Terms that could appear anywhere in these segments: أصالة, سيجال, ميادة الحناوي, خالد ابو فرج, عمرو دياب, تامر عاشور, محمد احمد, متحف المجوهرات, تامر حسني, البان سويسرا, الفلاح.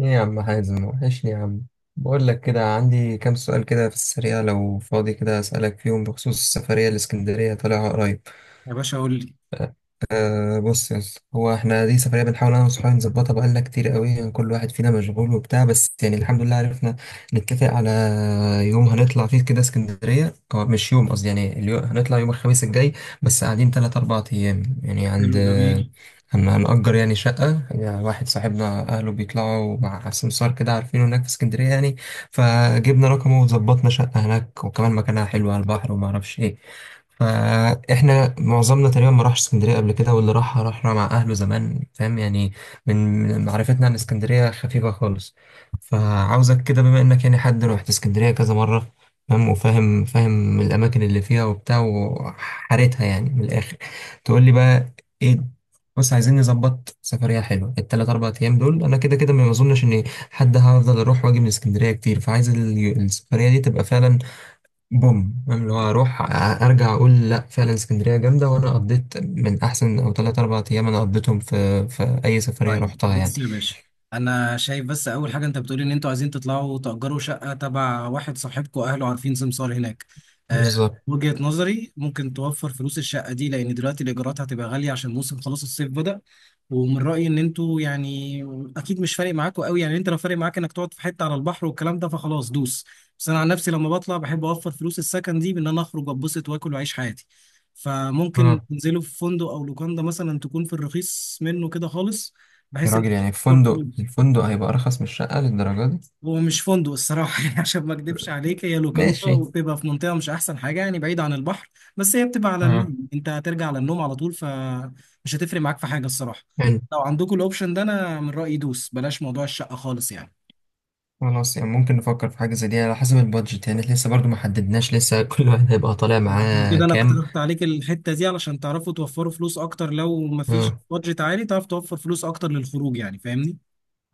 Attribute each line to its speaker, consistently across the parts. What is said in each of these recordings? Speaker 1: ايه يا عم حازم، وحشني يا عم. بقول لك كده، عندي كام سؤال كده في السريع، لو فاضي كده اسالك فيهم بخصوص السفريه، الاسكندريه طالعها قريب.
Speaker 2: يا باشا قول لي.
Speaker 1: أه، بص يا اسطى، هو احنا دي سفرية بنحاول انا وصحابي نظبطها، بقالنا كتير قوي يعني، كل واحد فينا مشغول وبتاع، بس يعني الحمد لله عرفنا نتفق على يوم هنطلع فيه كده اسكندرية، او مش يوم قصدي، يعني اليوم هنطلع يوم الخميس الجاي، بس قاعدين تلات اربع ايام يعني، عند
Speaker 2: حلو جميل.
Speaker 1: هنأجر يعني شقة، يعني واحد صاحبنا أهله بيطلعوا مع سمسار كده عارفينه هناك في اسكندرية يعني، فجبنا رقمه وظبطنا شقة هناك، وكمان مكانها حلو على البحر وما أعرفش إيه. فاحنا معظمنا تقريبا ما راحش اسكندريه قبل كده، واللي راح راح مع اهله زمان، فاهم يعني، من معرفتنا عن اسكندريه خفيفه خالص. فعاوزك كده، بما انك يعني حد روحت اسكندريه كذا مره، فاهم وفاهم، فاهم الاماكن اللي فيها وبتاع وحارتها يعني، من الاخر تقول لي بقى ايه. بص، عايزين نظبط سفريه حلوه التلات اربع ايام دول، انا كده كده ما اظنش ان حد هفضل اروح واجي من اسكندريه كتير، فعايز السفريه دي تبقى فعلا بوم، فاهم، اللي هو اروح ارجع اقول لا فعلا اسكندريه جامده وانا قضيت من احسن، او ثلاث اربع ايام انا قضيتهم في اي سفريه
Speaker 2: طيب
Speaker 1: رحتها يعني.
Speaker 2: بص يا باشا، انا شايف بس اول حاجه انت بتقولي ان انتوا عايزين تطلعوا تأجروا شقه تبع واحد صاحبكم اهله عارفين سمسار هناك. آه،
Speaker 1: بالظبط،
Speaker 2: وجهة نظري ممكن توفر فلوس الشقه دي لان دلوقتي الايجارات هتبقى غاليه عشان موسم خلاص الصيف بدأ. ومن رأيي ان انتوا يعني اكيد مش فارق معاكوا قوي، يعني انت لو فارق معاك انك تقعد في حته على البحر والكلام ده فخلاص دوس، بس انا عن نفسي لما بطلع بحب اوفر فلوس السكن دي بان انا اخرج اتبسط واكل واعيش حياتي. فممكن
Speaker 1: اه.
Speaker 2: تنزلوا في فندق او لوكاندا مثلا، تكون في الرخيص منه كده خالص،
Speaker 1: يا
Speaker 2: بحيث ان أنت
Speaker 1: راجل يعني
Speaker 2: توفر
Speaker 1: الفندق
Speaker 2: فلوس.
Speaker 1: الفندق هيبقى ارخص من الشقه للدرجه دي؟
Speaker 2: ومش فندق الصراحه يعني عشان ما اكدبش عليك، هي لوكاندا
Speaker 1: ماشي.
Speaker 2: وبتبقى في منطقه مش احسن حاجه، يعني بعيد عن البحر، بس هي بتبقى على
Speaker 1: اه.
Speaker 2: النيل، انت هترجع على النوم على طول فمش هتفرق معاك في حاجه الصراحه.
Speaker 1: حلو.
Speaker 2: لو عندكم الاوبشن ده انا من رايي دوس، بلاش موضوع الشقه خالص يعني.
Speaker 1: خلاص، يعني ممكن نفكر في حاجه زي دي على حسب البادجت، يعني لسه برضو ما حددناش، لسه كل واحد هيبقى طالع
Speaker 2: عشان
Speaker 1: معاه
Speaker 2: كده انا
Speaker 1: كام.
Speaker 2: اقترحت عليك الحته دي علشان تعرفوا توفروا فلوس اكتر، لو مفيش
Speaker 1: آه.
Speaker 2: بادجت عالي تعرف توفر فلوس اكتر للخروج يعني، فاهمني.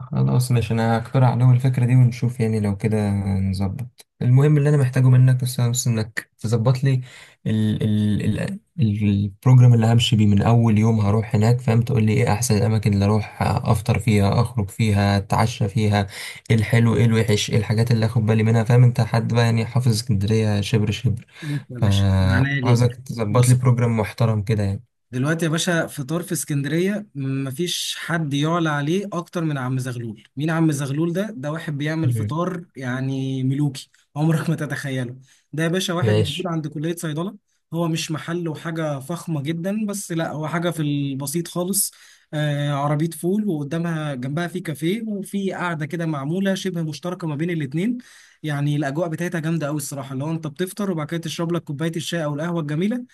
Speaker 1: خلاص ماشي، انا هقترح عليهم الفكرة دي ونشوف يعني لو كده نظبط، المهم اللي انا محتاجه منك، بس انك تظبط لي ال ال ال البروجرام اللي همشي بيه من اول يوم هروح هناك، فاهم، تقول لي ايه احسن الاماكن اللي اروح افطر فيها، اخرج فيها، اتعشى فيها، ايه الحلو، ايه الوحش، ايه الحاجات اللي اخد بالي منها، فاهم، انت حد بقى يعني حافظ اسكندرية شبر شبر،
Speaker 2: بص يا باشا، من عينيا
Speaker 1: فعاوزك
Speaker 2: ليك.
Speaker 1: تظبط لي
Speaker 2: بص
Speaker 1: بروجرام محترم كده يعني.
Speaker 2: دلوقتي يا باشا، فطار في اسكندرية مفيش حد يعلى عليه أكتر من عم زغلول. مين عم زغلول ده؟ ده واحد بيعمل
Speaker 1: مم.
Speaker 2: فطار يعني ملوكي، عمرك ما تتخيله. ده يا باشا واحد موجود
Speaker 1: ماشي.
Speaker 2: عند كلية صيدلة. هو مش محل وحاجة فخمة جدا، بس لا هو حاجة في البسيط خالص. آه، عربية فول وقدامها جنبها في كافيه، وفي قعدة كده معمولة شبه مشتركة ما بين الاتنين. يعني الأجواء بتاعتها جامدة أوي الصراحة، اللي هو أنت بتفطر وبعد كده تشرب لك كوباية الشاي أو القهوة الجميلة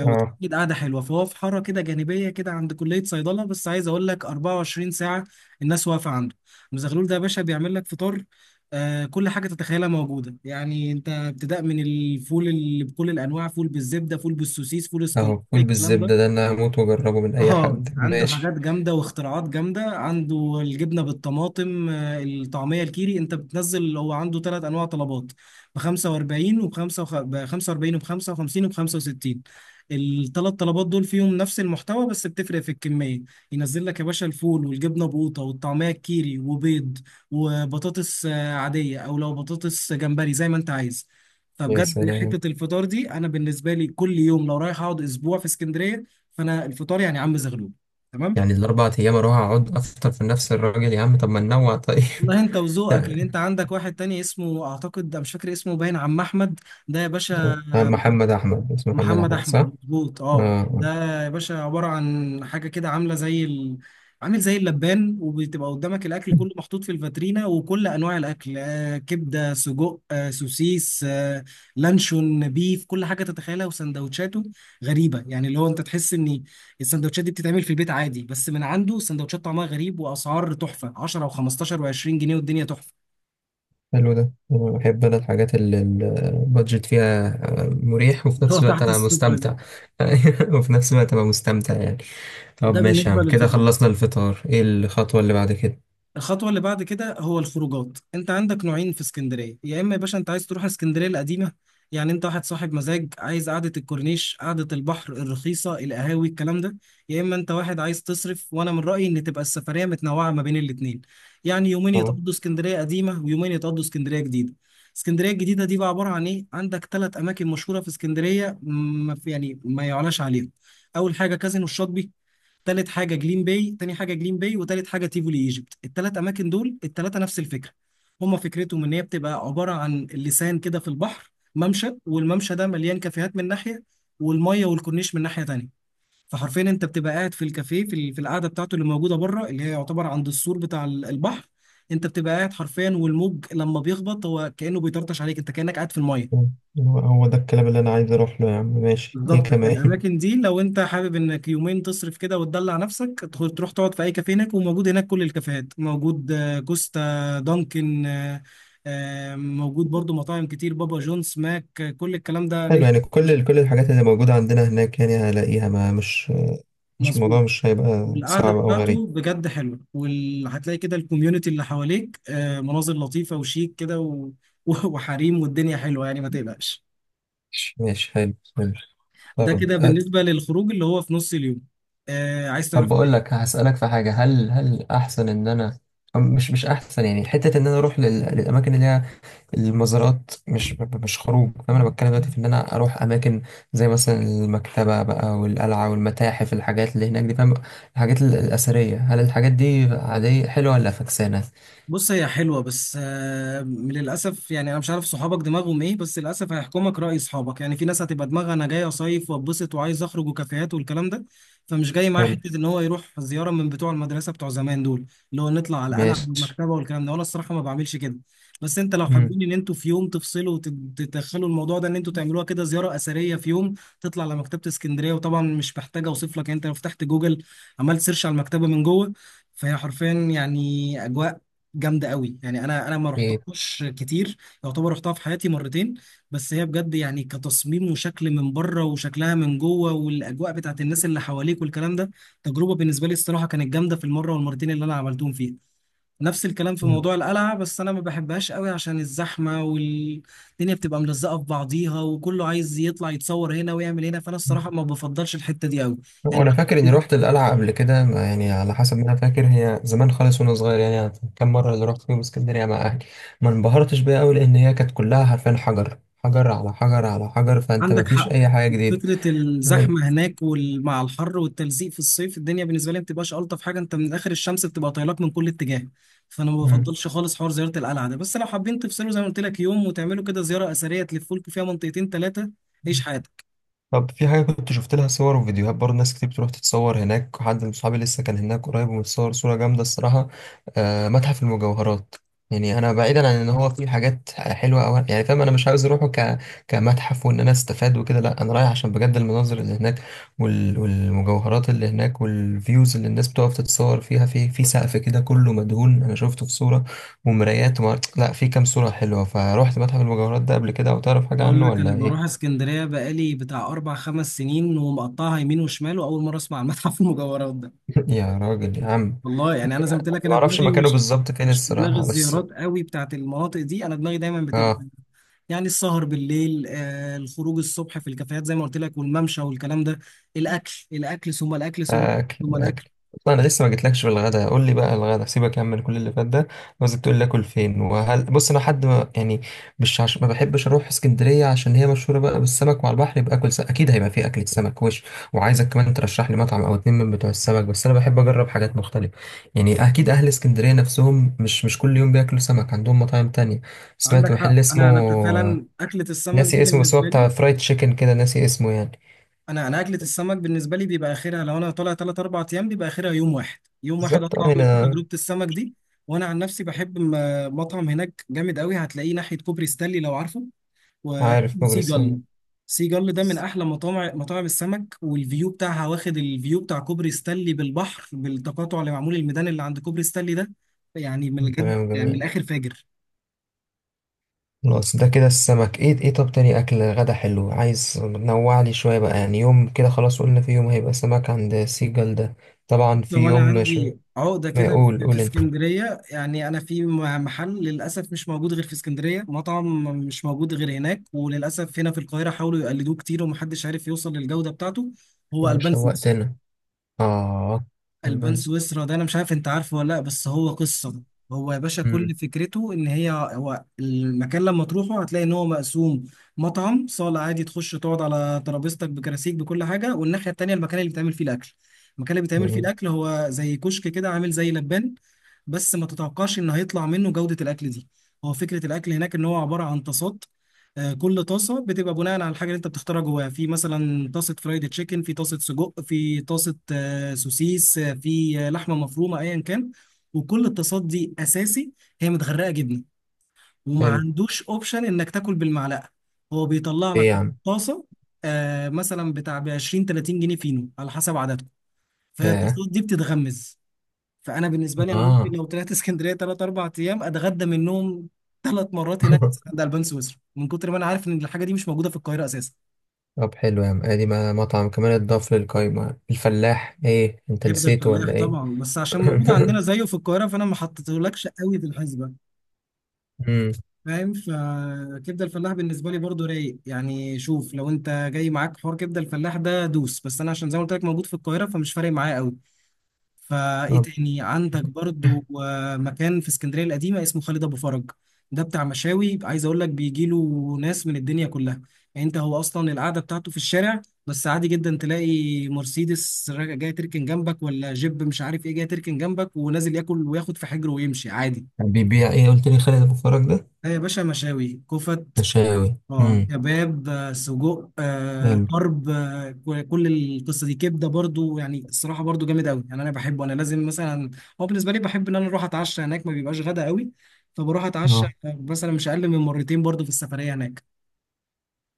Speaker 1: اه.
Speaker 2: وتأكد قعدة حلوة. فهو في حارة كده جانبية كده عند كلية صيدلة، بس عايز أقول لك 24 ساعة الناس واقفة عنده. المزغلول ده يا باشا بيعمل لك فطار، آه كل حاجة تتخيلها موجودة، يعني أنت ابتداء من الفول اللي بكل الأنواع، فول بالزبدة، فول بالسوسيس، فول اسكندراني
Speaker 1: اهو فول
Speaker 2: الكلام ده.
Speaker 1: بالزبدة ده انا هموت واجربه من اي
Speaker 2: اه،
Speaker 1: حد،
Speaker 2: عنده حاجات
Speaker 1: ماشي.
Speaker 2: جامده واختراعات جامده، عنده الجبنه بالطماطم، الطعميه الكيري. انت بتنزل هو عنده ثلاث انواع طلبات، ب 45 وب 45 وب 55 وب 65. الثلاث طلبات دول فيهم نفس المحتوى بس بتفرق في الكميه. ينزل لك يا باشا الفول والجبنه بقوطه والطعميه الكيري وبيض وبطاطس عاديه، او لو بطاطس جمبري زي ما انت عايز.
Speaker 1: يا
Speaker 2: فبجد
Speaker 1: سلام.
Speaker 2: حته الفطار دي انا بالنسبه لي كل يوم لو رايح اقعد اسبوع في اسكندريه، فانا الفطار يعني عم زغلول تمام.
Speaker 1: يعني الاربع ايام اروح اقعد افطر في نفس الراجل يا عم؟ طب ما ننوع، طيب.
Speaker 2: والله انت وذوقك، لان انت عندك واحد تاني اسمه، اعتقد أنا مش فاكر اسمه، باين عم احمد. ده يا باشا
Speaker 1: محمد احمد، اسمه محمد
Speaker 2: محمد
Speaker 1: احمد صح،
Speaker 2: احمد
Speaker 1: اه.
Speaker 2: مظبوط، اه،
Speaker 1: آه.
Speaker 2: ده يا باشا عباره عن حاجه كده عامله زي ال... عامل زي اللبان، وبتبقى قدامك الاكل كله محطوط في الفاترينا، وكل انواع الاكل، آه كبده سجق آه سوسيس آه لانشون بيف، كل حاجه تتخيلها. وسندوتشاته غريبه، يعني اللي هو انت تحس ان السندوتشات دي بتتعمل في البيت عادي، بس من عنده السندوتشات طعمها غريب، واسعار تحفه 10 و15 و20 جنيه، والدنيا تحفه
Speaker 1: حلو ده، أنا بحب انا الحاجات اللي البادجت فيها، آه، مريح، وفي
Speaker 2: اللي هو
Speaker 1: نفس الوقت
Speaker 2: تحت
Speaker 1: انا
Speaker 2: الصفر.
Speaker 1: مستمتع. وفي نفس الوقت ابقى مستمتع يعني. طب
Speaker 2: ده
Speaker 1: ماشي يا
Speaker 2: بالنسبه
Speaker 1: عم، كده
Speaker 2: للفطار.
Speaker 1: خلصنا الفطار، ايه الخطوة اللي بعد كده؟
Speaker 2: الخطوة اللي بعد كده هو الخروجات. انت عندك نوعين في اسكندرية، يا اما يا باشا انت عايز تروح اسكندرية القديمة، يعني انت واحد صاحب مزاج عايز قعدة الكورنيش، قعدة البحر الرخيصة، القهاوي، الكلام ده، يا اما انت واحد عايز تصرف. وانا من رأيي ان تبقى السفرية متنوعة ما بين الاتنين، يعني يومين
Speaker 1: اه،
Speaker 2: يتقضوا اسكندرية قديمة ويومين يتقضوا اسكندرية جديدة. اسكندرية الجديدة دي بقى عبارة عن ايه؟ عندك ثلاث اماكن مشهورة في اسكندرية ما في يعني ما يعلاش عليهم. اول حاجة كازينو الشاطبي، تالت حاجه جليم باي، تاني حاجه جليم باي وتالت حاجه تيفولي ايجيبت. التلات اماكن دول التلاته نفس الفكره، هما فكرتهم ان هي بتبقى عباره عن لسان كده في البحر ممشى، والممشى ده مليان كافيهات من ناحيه، والميه والكورنيش من ناحيه تانيه. فحرفيا انت بتبقى قاعد في الكافيه في القعده بتاعته اللي موجوده بره، اللي هي يعتبر عند السور بتاع البحر. انت بتبقى قاعد حرفيا، والموج لما بيخبط هو كانه بيطرطش عليك، انت كانك قاعد في الميه.
Speaker 1: هو ده الكلام اللي انا عايز اروح له يا عم، ماشي، ايه
Speaker 2: بالظبط،
Speaker 1: كمان؟
Speaker 2: فالاماكن دي لو انت حابب انك يومين تصرف كده وتدلع نفسك، تروح تقعد في اي كافيه هناك، وموجود هناك كل الكافيهات موجود، كوستا، دانكن، موجود برضو مطاعم كتير، بابا جونز، ماك، كل الكلام ده
Speaker 1: حلو، يعني كل كل الحاجات اللي موجودة عندنا هناك يعني هلاقيها، ما مش مش
Speaker 2: مظبوط.
Speaker 1: الموضوع مش هيبقى
Speaker 2: والقعده
Speaker 1: صعب أو غريب.
Speaker 2: بتاعته بجد حلوه، وهتلاقي كده الكوميونتي اللي حواليك، مناظر لطيفه وشيك كده وحريم، والدنيا حلوه يعني، ما تقلقش.
Speaker 1: ماشي ماشي، حلو حلو.
Speaker 2: ده
Speaker 1: طب
Speaker 2: كده
Speaker 1: أ-
Speaker 2: بالنسبه للخروج اللي هو في نص اليوم. عايز
Speaker 1: طب
Speaker 2: تعرف
Speaker 1: بقول
Speaker 2: إيه؟
Speaker 1: لك هسألك في حاجة، هل أحسن إن أنا مش أحسن يعني، حتة إن أنا أروح للأماكن اللي هي المزارات، مش مش خروج، فاهم، أنا بتكلم دلوقتي في إن أنا أروح أماكن زي مثلا المكتبة بقى، والقلعة، والمتاحف، الحاجات اللي هناك دي، فاهم، الحاجات الأثرية، هل الحاجات دي عادية حلوة ولا فكسانة؟
Speaker 2: بص، هي حلوة بس للأسف، يعني أنا مش عارف صحابك دماغهم إيه، بس للأسف هيحكمك رأي صحابك. يعني في ناس هتبقى دماغها أنا جاي أصيف وأتبسط وعايز أخرج وكافيهات والكلام ده، فمش جاي معاه
Speaker 1: حلو.
Speaker 2: حتة إن هو يروح زيارة من بتوع المدرسة بتوع زمان دول، اللي هو نطلع على القلعة
Speaker 1: ماشي.
Speaker 2: والمكتبة والكلام ده، وأنا الصراحة ما بعملش كده. بس أنت لو
Speaker 1: مم.
Speaker 2: حابين إن أنتوا في يوم تفصلوا وتدخلوا الموضوع ده، إن أنتوا تعملوها كده زيارة أثرية في يوم، تطلع على مكتبة اسكندرية، وطبعا مش محتاجة أوصف لك، أنت لو فتحت جوجل عملت سيرش على المكتبة من جوه، فهي حرفيا يعني أجواء جامده قوي. يعني انا ما
Speaker 1: إيه.
Speaker 2: رحتهاش كتير، يعتبر رحتها في حياتي مرتين، بس هي بجد يعني كتصميم وشكل من بره وشكلها من جوه والاجواء بتاعت الناس اللي حواليك والكلام ده تجربه بالنسبه لي الصراحه كانت جامده، في المره والمرتين اللي انا عملتهم فيها. نفس الكلام في
Speaker 1: مم.
Speaker 2: موضوع القلعه، بس انا ما بحبهاش قوي عشان الزحمه، والدنيا بتبقى ملزقه في بعضيها، وكله عايز يطلع يتصور هنا ويعمل هنا، فانا الصراحه ما بفضلش الحته دي قوي يعني.
Speaker 1: وانا فاكر اني روحت القلعه قبل كده، يعني على حسب ما انا فاكر هي زمان خالص وانا صغير يعني، كم مره اللي رحت فيهم اسكندريه مع اهلي، ما انبهرتش بيها قوي، لان هي كانت كلها حرفيا حجر، حجر على حجر على حجر، فانت ما
Speaker 2: عندك
Speaker 1: فيش
Speaker 2: حق،
Speaker 1: اي حاجه جديده.
Speaker 2: فكرة
Speaker 1: مم.
Speaker 2: الزحمة هناك، ومع الحر والتلزيق في الصيف، الدنيا بالنسبة لي ما بتبقاش ألطف حاجة، أنت من آخر الشمس بتبقى طايلك من كل اتجاه. فأنا ما بفضلش خالص حوار زيارة القلعة ده، بس لو حابين تفصلوا زي ما قلت لك يوم وتعملوا كده زيارة أثرية تلفوا لكم فيها منطقتين تلاتة، عيش
Speaker 1: مم.
Speaker 2: حياتك.
Speaker 1: طب في حاجة كنت شفت لها صور وفيديوهات برضه، ناس كتير بتروح تتصور هناك، حد من صحابي لسه كان هناك قريب ومتصور صورة جامدة الصراحة، آه، متحف المجوهرات، يعني أنا بعيدا عن إن هو فيه حاجات حلوة أو يعني فاهم، أنا مش عاوز أروحه كمتحف وإن أنا أستفاد وكده، لأ، أنا رايح عشان بجد المناظر اللي هناك، والمجوهرات اللي هناك، والفيوز اللي الناس بتقف تتصور فيها، في سقف كده كله مدهون، أنا شفته في صورة ومرايات لأ في كام صورة حلوة، فروحت متحف المجوهرات ده قبل كده؟ أو تعرف حاجة
Speaker 2: بقول
Speaker 1: عنه
Speaker 2: لك،
Speaker 1: ولا
Speaker 2: أنا بروح
Speaker 1: إيه؟
Speaker 2: اسكندرية بقالي بتاع أربع خمس سنين ومقطعها يمين وشمال، وأول مرة أسمع عن متحف المجوهرات ده.
Speaker 1: يا راجل يا عم.
Speaker 2: والله يعني انا زي ما قلت لك،
Speaker 1: ما
Speaker 2: انا
Speaker 1: اعرفش
Speaker 2: دماغي
Speaker 1: مكانه
Speaker 2: مش
Speaker 1: بالظبط فين
Speaker 2: مش في دماغ
Speaker 1: الصراحه، بس.
Speaker 2: الزيارات قوي بتاعت المناطق دي، انا دماغي دايما بتبقى
Speaker 1: اه.
Speaker 2: يعني السهر بالليل، آه الخروج الصبح في الكافيهات زي ما قلت لك، والممشى والكلام ده، الاكل، الاكل، ثم الاكل، ثم
Speaker 1: اكل
Speaker 2: ثم
Speaker 1: اكل.
Speaker 2: الاكل.
Speaker 1: طب انا لسه ما جيتلكش في الغدا، قول لي بقى الغدا، سيبك يا عم من كل اللي فات ده، عاوزك تقول لي اكل فين، وهل، بص انا حد ما يعني مش ما بحبش اروح اسكندريه عشان هي مشهوره بقى بالسمك، وعلى البحر يبقى اكل سمك اكيد هيبقى فيه اكله سمك وش، وعايزك كمان ترشح لي مطعم او اتنين من بتوع السمك، بس انا بحب اجرب حاجات مختلفه يعني، اكيد اهل اسكندريه نفسهم مش كل يوم بياكلوا سمك، عندهم مطاعم تانية. سمعت
Speaker 2: عندك حق،
Speaker 1: محل اسمه،
Speaker 2: انا فعلا اكله السمك دي
Speaker 1: ناسي اسمه، بس هو
Speaker 2: بالنسبه لي،
Speaker 1: بتاع فرايد تشيكن كده، ناسي اسمه يعني.
Speaker 2: انا اكله السمك بالنسبه لي بيبقى اخرها، لو انا طالع 3 4 ايام بيبقى اخرها يوم واحد، يوم واحد
Speaker 1: بالظبط، اه،
Speaker 2: اطلع اعمل فيه
Speaker 1: هنا.
Speaker 2: تجربه السمك دي. وانا عن نفسي بحب مطعم هناك جامد قوي، هتلاقيه ناحيه كوبري ستانلي لو عارفه،
Speaker 1: عارف كوبري
Speaker 2: وسيجل.
Speaker 1: السن.
Speaker 2: سيجل ده من احلى مطاعم مطاعم السمك، والفيو بتاعها واخد الفيو بتاع كوبري ستانلي بالبحر، بالتقاطع اللي معمول الميدان اللي عند كوبري ستانلي ده، يعني من الجد
Speaker 1: تمام،
Speaker 2: يعني من
Speaker 1: جميل.
Speaker 2: الاخر فاجر.
Speaker 1: خلاص، ده كده السمك، ايه طب تاني اكل غدا حلو، عايز نوع لي شويه بقى، يعني يوم كده خلاص قلنا في يوم هيبقى سمك عند سيجال ده، طبعا في
Speaker 2: لو انا
Speaker 1: يوم مش.
Speaker 2: عندي عقده
Speaker 1: ما
Speaker 2: كده
Speaker 1: يقول
Speaker 2: في
Speaker 1: قول انت.
Speaker 2: اسكندريه، يعني انا محل، للاسف مش موجود غير في اسكندريه، مطعم مش موجود غير هناك، وللاسف هنا في القاهره حاولوا يقلدوه كتير ومحدش عارف يوصل للجوده بتاعته، هو
Speaker 1: مش
Speaker 2: البان سويسرا.
Speaker 1: شوقتنا. اه.
Speaker 2: البان
Speaker 1: البان
Speaker 2: سويسرا ده انا مش عارف انت عارفه ولا لا، بس هو
Speaker 1: سويسرا.
Speaker 2: قصه. هو يا باشا
Speaker 1: امم.
Speaker 2: كل فكرته ان هي، هو المكان لما تروحه هتلاقي ان هو مقسوم، مطعم صاله عادي تخش تقعد على ترابيزتك بكراسيك بكل حاجه، والناحيه التانيه المكان اللي بيتعمل فيه الاكل. المكان اللي بيتعمل فيه
Speaker 1: جميل.
Speaker 2: الاكل هو زي كشك كده، عامل زي لبان، بس ما تتوقعش ان هيطلع منه جوده الاكل دي. هو فكره الاكل هناك ان هو عباره عن طاسات، كل طاسه بتبقى بناء على الحاجه اللي انت بتختارها جواها، في مثلا طاسه فرايد تشيكن، في طاسه سجق، في طاسه سوسيس، في لحمه مفرومه ايا كان. وكل الطاسات دي اساسي هي متغرقه جبنه، وما
Speaker 1: حلو.
Speaker 2: عندوش اوبشن انك تاكل بالمعلقه، هو بيطلع لك
Speaker 1: ايه يا عم؟
Speaker 2: طاسه مثلا بتاع ب 20 30 جنيه، فينو على حسب عددكم،
Speaker 1: ياه.
Speaker 2: فالطاسات دي بتتغمز. فانا بالنسبه لي انا ممكن
Speaker 1: اه.
Speaker 2: لو طلعت اسكندريه ثلاث اربع ايام اتغدى منهم ثلاث مرات هناك عند البان سويسرا، من كتر ما انا عارف ان الحاجه دي مش موجوده في القاهره اساسا.
Speaker 1: طب حلو يا عم، ادي مطعم كمان اتضاف للقايمه، الفلاح، ايه، انت
Speaker 2: كبده
Speaker 1: نسيته ولا
Speaker 2: الفلاح
Speaker 1: ايه؟
Speaker 2: طبعا، بس عشان موجود عندنا زيه في القاهره فانا ما حطيتهولكش قوي في الحسبه،
Speaker 1: امم.
Speaker 2: فاهم؟ فكبده الفلاح بالنسبه لي برضو رايق، يعني شوف، لو انت جاي معاك حوار كبده الفلاح ده دوس، بس انا عشان زي ما قلت لك موجود في القاهره فمش فارق معايا قوي. فايه تاني عندك؟ برضو مكان في اسكندريه القديمه اسمه خالد ابو فرج، ده بتاع مشاوي، عايز اقول لك بيجي له ناس من الدنيا كلها. يعني انت هو اصلا القعده بتاعته في الشارع، بس عادي جدا تلاقي مرسيدس جاي تركن جنبك، ولا جيب مش عارف ايه جاي تركن جنبك ونازل ياكل وياخد في حجره ويمشي عادي.
Speaker 1: بيبيع ايه؟ قلت لي خالد ابو فرج ده؟
Speaker 2: ده يا باشا مشاوي كفت،
Speaker 1: مشاوي.
Speaker 2: اه
Speaker 1: امم.
Speaker 2: كباب، سجق،
Speaker 1: حلو.
Speaker 2: طرب، كل القصه دي كبده، برضو يعني الصراحه برضو جامد قوي، يعني انا بحبه، انا لازم مثلا، هو بالنسبه لي بحب ان انا اروح اتعشى هناك، ما بيبقاش غدا قوي، فبروح اتعشى
Speaker 1: اه.
Speaker 2: مثلا مش اقل من مرتين برضو في السفريه هناك.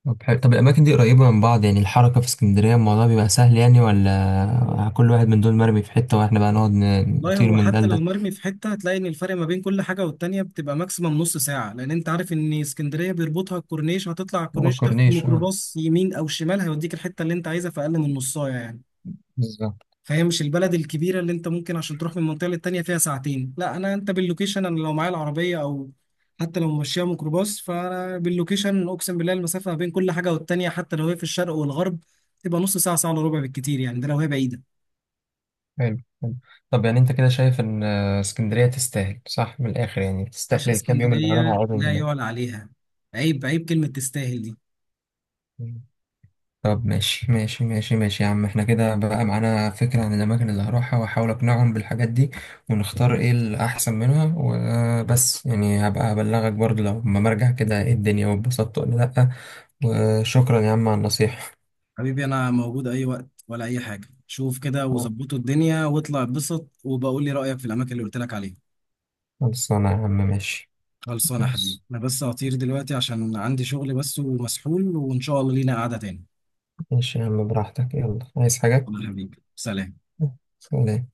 Speaker 1: طب حلو، طب الاماكن دي قريبه من بعض يعني، الحركه في اسكندريه الموضوع بيبقى سهل يعني، ولا كل واحد من دول مرمي في حته واحنا بقى نقعد
Speaker 2: والله
Speaker 1: نطير
Speaker 2: هو
Speaker 1: من ده
Speaker 2: حتى لو
Speaker 1: لده؟
Speaker 2: مرمي في حته، هتلاقي ان الفرق ما بين كل حاجه والتانيه بتبقى ماكسيمم نص ساعه، لان انت عارف ان اسكندريه بيربطها الكورنيش، هتطلع على
Speaker 1: ما
Speaker 2: الكورنيش تاخد
Speaker 1: فكرنيش، اه.
Speaker 2: ميكروباص يمين او شمال هيوديك الحته اللي انت عايزها في اقل من نصايه يعني.
Speaker 1: بالظبط.
Speaker 2: فهي مش البلد الكبيرة اللي انت ممكن عشان تروح من منطقة للتانية فيها ساعتين، لا، انا انت باللوكيشن، انا لو معايا العربية او حتى لو ماشية ميكروباص، فانا باللوكيشن اقسم بالله المسافة ما بين كل حاجة والتانية، حتى لو هي في الشرق والغرب، تبقى نص ساعة ساعة الا ربع بالكتير يعني، ده لو هي بعيدة.
Speaker 1: حلو حلو. طب يعني انت كده شايف ان اسكندريه تستاهل صح من الاخر، يعني
Speaker 2: باشا
Speaker 1: تستاهل الكام يوم اللي هروح
Speaker 2: اسكندرية لا
Speaker 1: اقعدهم
Speaker 2: يعلى عليها، عيب عيب كلمة تستاهل دي.
Speaker 1: هناك. طب ماشي ماشي ماشي ماشي يا عم، احنا كده بقى معانا فكرة عن الأماكن اللي هروحها وأحاول أقنعهم بالحاجات دي ونختار إيه الأحسن منها، وبس يعني هبقى أبلغك برضو لو ما مرجع كده إيه الدنيا واتبسطت ولا لأ، وشكرا يا عم على النصيحة.
Speaker 2: حبيبي انا موجود اي وقت، ولا اي حاجة شوف كده وظبطوا الدنيا واطلع اتبسط، وبقول لي رأيك في الاماكن اللي قلت لك عليها.
Speaker 1: خلصانة يا عم، ماشي.
Speaker 2: خلصانة يا حبيبي،
Speaker 1: بص.
Speaker 2: أنا بس هطير دلوقتي عشان عندي شغل بس ومسحول، وإن شاء الله لينا قعدة تاني.
Speaker 1: ماشي يا عم براحتك، يلا، عايز حاجة؟
Speaker 2: يلا يا حبيبي، سلام.
Speaker 1: سلام.